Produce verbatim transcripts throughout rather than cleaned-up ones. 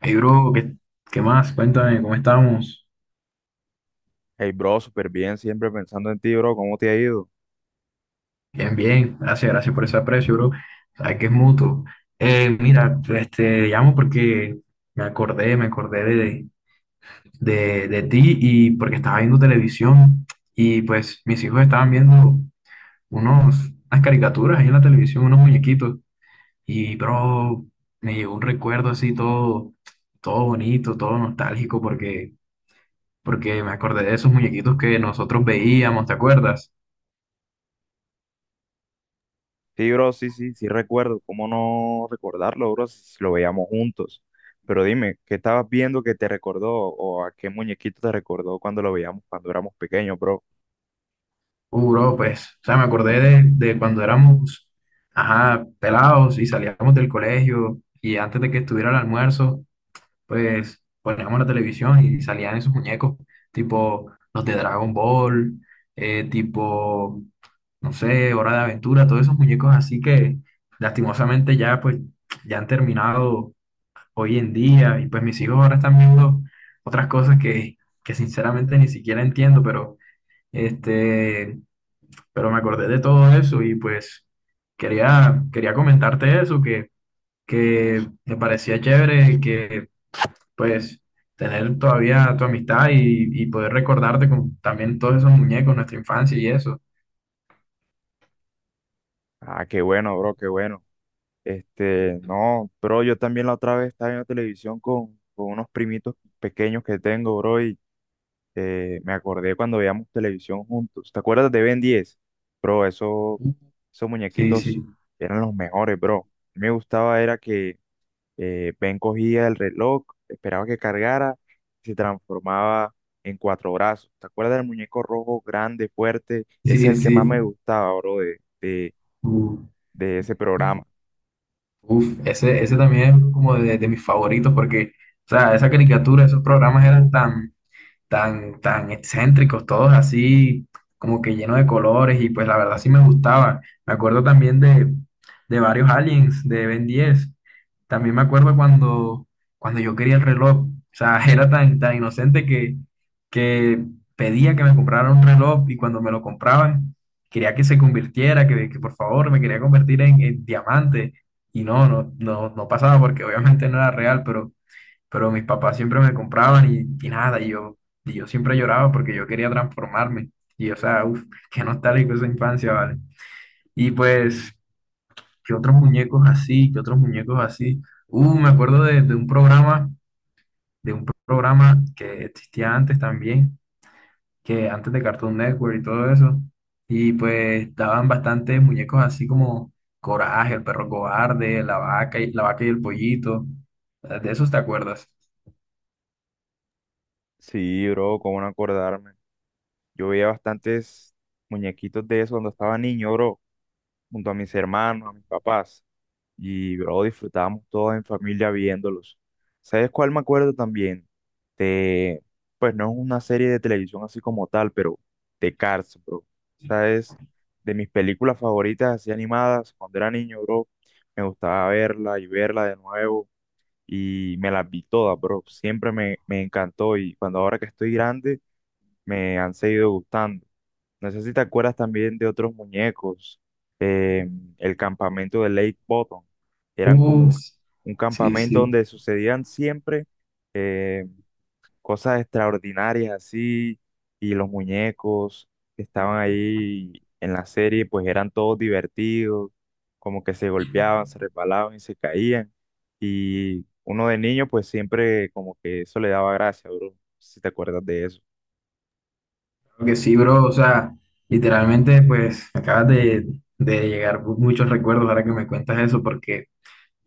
Hey, bro, ¿qué, ¿qué más? Cuéntame, ¿cómo estamos? Hey, bro, súper bien, siempre pensando en ti, bro, ¿cómo te ha ido? Bien, bien, gracias, gracias por ese aprecio, bro. Sabes que es mutuo. Eh, mira, este, te llamo porque me acordé, me acordé de, de, de ti y porque estaba viendo televisión y pues mis hijos estaban viendo unos, unas caricaturas ahí en la televisión, unos muñequitos y, bro, me llegó un recuerdo así todo, todo bonito, todo nostálgico porque, porque me acordé de esos muñequitos que nosotros veíamos, ¿te acuerdas? Sí, bro, sí, sí, sí recuerdo, ¿cómo no recordarlo, bro, si si lo veíamos juntos? Pero dime, ¿qué estabas viendo que te recordó o a qué muñequito te recordó cuando lo veíamos cuando éramos pequeños, bro? Uh, bro, pues, o sea, me acordé de, de cuando éramos, ajá, pelados y salíamos del colegio y antes de que estuviera el almuerzo, pues poníamos la televisión y salían esos muñecos, tipo los de Dragon Ball, eh, tipo, no sé, Hora de Aventura, todos esos muñecos así que lastimosamente ya, pues, ya han terminado hoy en día y pues mis hijos ahora están viendo otras cosas que, que sinceramente ni siquiera entiendo, pero este pero me acordé de todo eso y pues quería, quería comentarte eso, que, que me parecía chévere que pues tener todavía tu amistad y, y poder recordarte con también todos esos muñecos, nuestra infancia y eso. Ah, qué bueno, bro, qué bueno. Este, no, bro, yo también la otra vez estaba viendo televisión con, con unos primitos pequeños que tengo, bro, eh, me acordé cuando veíamos televisión juntos. ¿Te acuerdas de Ben diez? Bro, eso, esos Sí, muñequitos sí, eran los mejores, bro. A mí me gustaba era que eh, Ben cogía el reloj, esperaba que cargara y se transformaba en cuatro brazos. ¿Te acuerdas del muñeco rojo, grande, fuerte? Ese es sí, el que más me sí. gustaba, bro, de, de, Uf, de ese programa. uf, ese, ese también es como de, de mis favoritos porque, o sea, esa caricatura, esos programas eran tan tan, tan excéntricos, todos así como que llenos de colores y pues la verdad sí me gustaba. Me acuerdo también de, de varios aliens de Ben diez. También me acuerdo cuando, cuando yo quería el reloj. O sea, era tan, tan inocente que, que pedía que me compraran un reloj y cuando me lo compraban, quería que se convirtiera, que, que por favor me quería convertir en, en diamante. Y no, no, no, no pasaba porque obviamente no era real, pero pero mis papás siempre me compraban y, y nada, y yo, y yo siempre lloraba porque yo quería transformarme. Y o sea, uff, qué nostálgico esa infancia, ¿vale? Y pues, ¿qué otros muñecos así? ¿Qué otros muñecos así? Uh, me acuerdo de, de un programa, de un programa que existía antes también, que antes de Cartoon Network y todo eso. Y pues daban bastantes muñecos así como Coraje, el perro cobarde, la vaca y, la vaca y el pollito. ¿De esos te acuerdas? Sí, bro, cómo no acordarme. Yo veía bastantes muñequitos de eso cuando estaba niño, bro, junto a mis hermanos, a mis papás. Y, bro, disfrutábamos todos en familia viéndolos. ¿Sabes cuál me acuerdo también? De, pues no es una serie de televisión así como tal, pero de Cars, bro. ¿Sabes? De mis películas favoritas así animadas cuando era niño, bro. Me gustaba verla y verla de nuevo y me las vi todas, bro. Siempre me, me encantó y cuando ahora que estoy grande me han seguido gustando. No sé si te acuerdas también de otros muñecos, eh, el campamento de Lake Bottom. Eran como uh un, un sí, campamento sí. donde sucedían siempre eh, cosas extraordinarias así, y los muñecos que estaban ahí en la serie, pues eran todos divertidos, como que se golpeaban, se resbalaban y se caían. Y uno de niño, pues siempre como que eso le daba gracia, bro. No, si te acuerdas de eso. Creo que sí, bro. O sea, literalmente, pues, acabas de, de llegar muchos recuerdos ahora que me cuentas eso, porque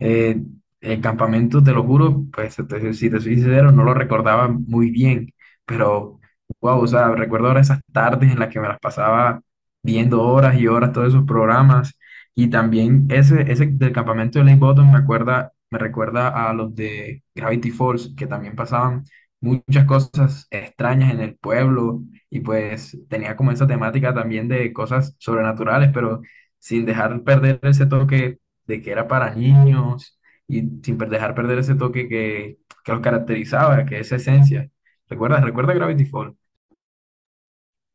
Eh, el campamento, te lo juro, pues te- te- si te soy sincero, no lo recordaba muy bien, pero wow, o sea, recuerdo ahora esas tardes en las que me las pasaba viendo horas y horas todos esos programas y también ese, ese del campamento de Lake Bottom me acuerda, me recuerda a los de Gravity Falls, que también pasaban muchas cosas extrañas en el pueblo y pues tenía como esa temática también de cosas sobrenaturales, pero sin dejar perder ese toque de que era para niños y sin per- dejar perder ese toque que, que los caracterizaba, que esa esencia. ¿Recuerdas? ¿Recuerda Gravity Falls?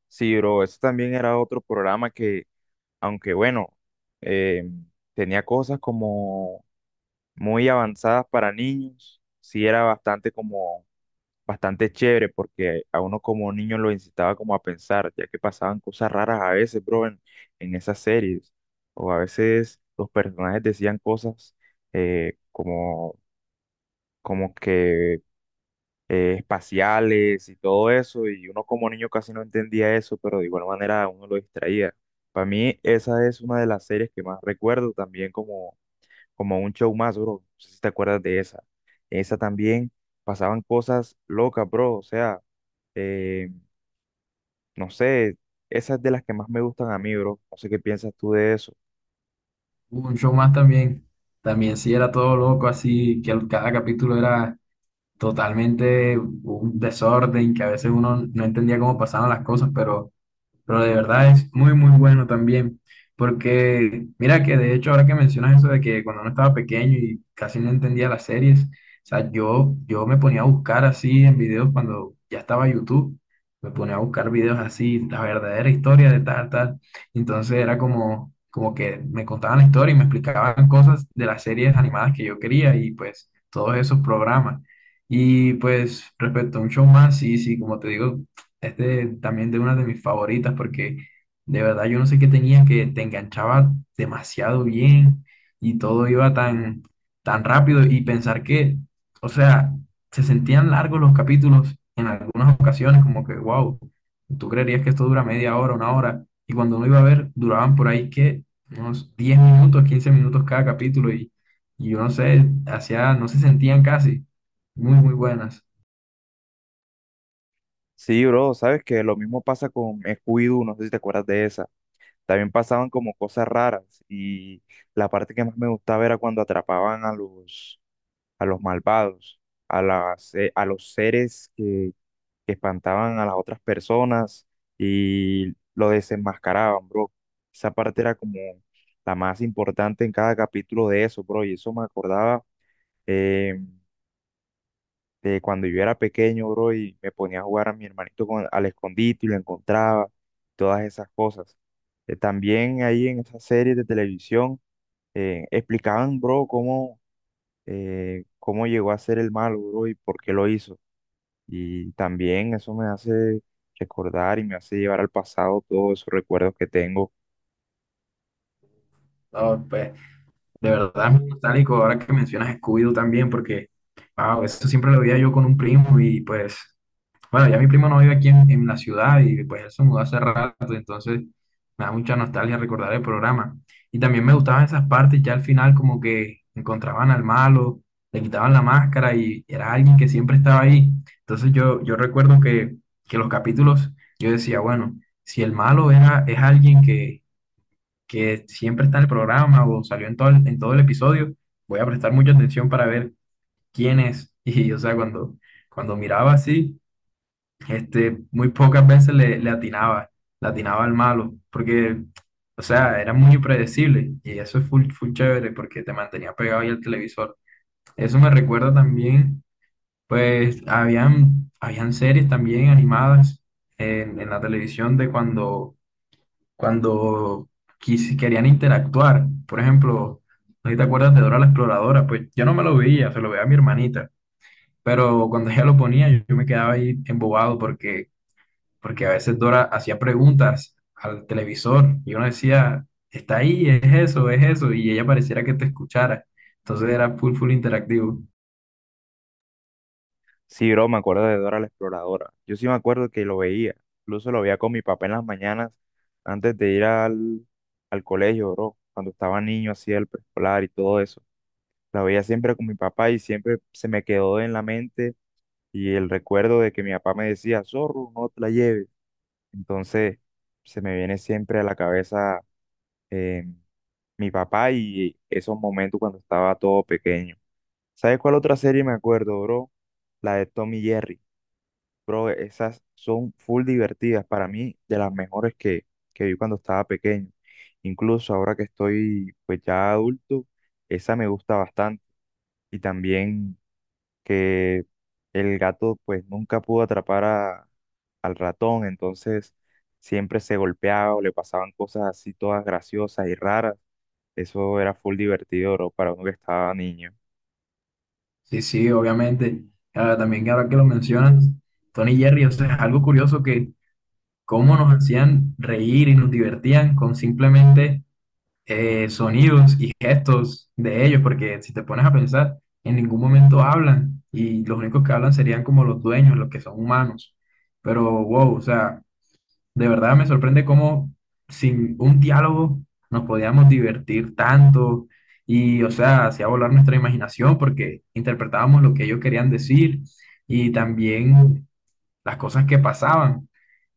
Sí, bro, eso también era otro programa que, aunque bueno, eh, tenía cosas como muy avanzadas para niños, sí era bastante como, bastante chévere porque a uno como niño lo incitaba como a pensar, ya que pasaban cosas raras a veces, bro, en, en esas series, o a veces los personajes decían cosas eh, como, como que eh, espaciales y todo eso, y uno como niño casi no entendía eso, pero de igual manera uno lo distraía. Para mí esa es una de las series que más recuerdo también como, como un show más, bro. No sé si te acuerdas de esa. En esa también pasaban cosas locas, bro. O sea, eh, no sé, esa es de las que más me gustan a mí, bro. No sé qué piensas tú de eso. Hubo un show más también. También sí era todo loco, así que al- cada capítulo era totalmente un desorden, que a veces uno no entendía cómo pasaban las cosas, pero pero de verdad es muy, muy bueno también. Porque mira que de hecho ahora que mencionas eso de que cuando uno estaba pequeño y casi no entendía las series, o sea, yo, yo me ponía a buscar así en videos cuando ya estaba YouTube, me ponía a buscar videos así, la verdadera historia de tal, tal. Entonces era como, como que me contaban la historia y me explicaban cosas de las series animadas que yo quería y pues todos esos programas. Y pues respecto a un show más, sí, sí, como te digo, es de- también de una de mis favoritas porque de verdad yo no sé qué tenía que te enganchaba demasiado bien y todo iba tan, tan rápido y pensar que, o sea, se sentían largos los capítulos en algunas ocasiones, como que, wow, tú creerías que esto dura media hora, una hora, y cuando uno iba a ver, duraban por ahí que unos diez minutos, quince minutos cada capítulo y, y yo no sé, hacía, no se sentían casi, muy, muy buenas. Sí, bro, sabes que lo mismo pasa con Scooby-Doo, no sé si te acuerdas de esa. También pasaban como cosas raras y la parte que más me gustaba era cuando atrapaban a los, a los malvados, a las, eh, a los seres que, que espantaban a las otras personas y lo desenmascaraban, bro. Esa parte era como la más importante en cada capítulo de eso, bro, y eso me acordaba. em, de cuando yo era pequeño, bro, y me ponía a jugar a mi hermanito con, al escondite y lo encontraba, todas esas cosas. Eh, también ahí en esas series de televisión eh, explicaban, bro, cómo, eh, cómo llegó a ser el malo, bro, y por qué lo hizo. Y también eso me hace recordar y me hace llevar al pasado todos esos recuerdos que tengo. Ah, pues, de verdad es muy nostálgico ahora que mencionas Scooby-Doo también, porque, wow, eso siempre lo veía yo con un primo y pues, bueno, ya mi primo no vive aquí en, en la ciudad y pues él se mudó hace rato, entonces me da mucha nostalgia recordar el programa. Y también me gustaban esas partes, ya al final como que encontraban al malo, le quitaban la máscara y era alguien que siempre estaba ahí. Entonces yo, yo recuerdo que, que los capítulos, yo decía, bueno, si el malo era, es alguien que que siempre está en el programa o salió en todo el, en todo el episodio, voy a prestar mucha atención para ver quién es. Y, o sea, cuando, cuando miraba así, este, muy pocas veces le, le atinaba, le atinaba al malo, porque, o sea, era muy impredecible y eso es full, full chévere porque te mantenía pegado ahí al televisor. Eso me recuerda también, pues, habían, habían series también animadas en, en la televisión de cuando cuando quis- querían interactuar. Por ejemplo, no sé si te acuerdas de Dora la Exploradora, pues yo no me lo veía, se lo veía a mi hermanita, pero cuando ella lo ponía yo, yo me quedaba ahí embobado porque, porque a veces Dora hacía preguntas al televisor y uno decía, está ahí, es eso, es eso, y ella pareciera que te escuchara. Entonces era full, full interactivo. Sí, bro, me acuerdo de Dora la Exploradora. Yo sí me acuerdo que lo veía. Incluso lo veía con mi papá en las mañanas antes de ir al, al colegio, bro. Cuando estaba niño, hacía el preescolar y todo eso. La veía siempre con mi papá y siempre se me quedó en la mente y el recuerdo de que mi papá me decía, Zorro, no te la lleves. Entonces, se me viene siempre a la cabeza eh, mi papá y esos momentos cuando estaba todo pequeño. ¿Sabes cuál otra serie me acuerdo, bro? La de Tommy Jerry. Bro, esas son full divertidas para mí, de las mejores que, que vi cuando estaba pequeño. Incluso ahora que estoy pues ya adulto, esa me gusta bastante. Y también que el gato pues nunca pudo atrapar a- al ratón, entonces siempre se golpeaba o le pasaban cosas así todas graciosas y raras. Eso era full divertido, bro, para uno que estaba niño. Sí, sí, obviamente. Ah, también ahora que lo mencionas, Tony Jerry, o sea, es algo curioso que cómo nos hacían reír y nos divertían con simplemente eh, sonidos y gestos de ellos, porque si te pones a pensar, en ningún momento hablan y los únicos que hablan serían como los dueños, los que son humanos. Pero wow, o sea, de verdad me sorprende cómo sin un diálogo nos podíamos divertir tanto y, o sea, hacía volar nuestra imaginación porque interpretábamos lo que ellos querían decir y también las cosas que pasaban.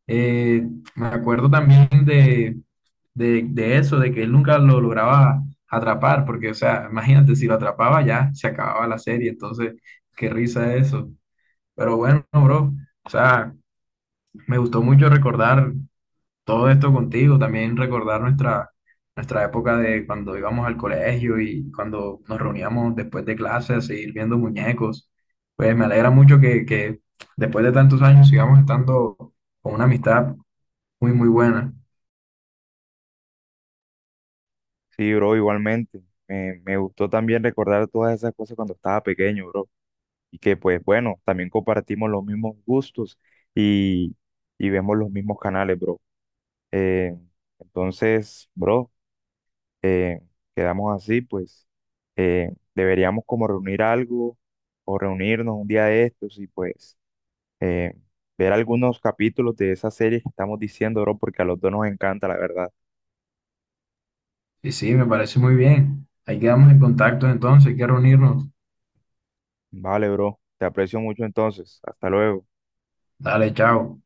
Eh, Me acuerdo también de, de, de eso, de que él nunca lo lograba atrapar, porque, o sea, imagínate, si lo atrapaba ya se acababa la serie, entonces, qué risa eso. Pero bueno, bro, o sea, me gustó mucho recordar todo esto contigo, también recordar nuestra, nuestra época de cuando íbamos al colegio y cuando nos reuníamos después de clases a seguir viendo muñecos. Pues me alegra mucho que, que después de tantos años sigamos estando con una amistad muy, muy buena. Sí, bro, igualmente. Me, me gustó también recordar todas esas cosas cuando estaba pequeño, bro. Y que pues bueno, también compartimos los mismos gustos y, y vemos los mismos canales, bro. Eh, entonces, bro, eh, quedamos así, pues eh, deberíamos como reunir algo o reunirnos un día de estos y pues eh, ver algunos capítulos de esas series que estamos diciendo, bro, porque a los dos nos encanta, la verdad. Y sí, me parece muy bien. Ahí quedamos en contacto entonces, hay que reunirnos. Vale, bro, te aprecio mucho entonces. Hasta luego. Dale, chao.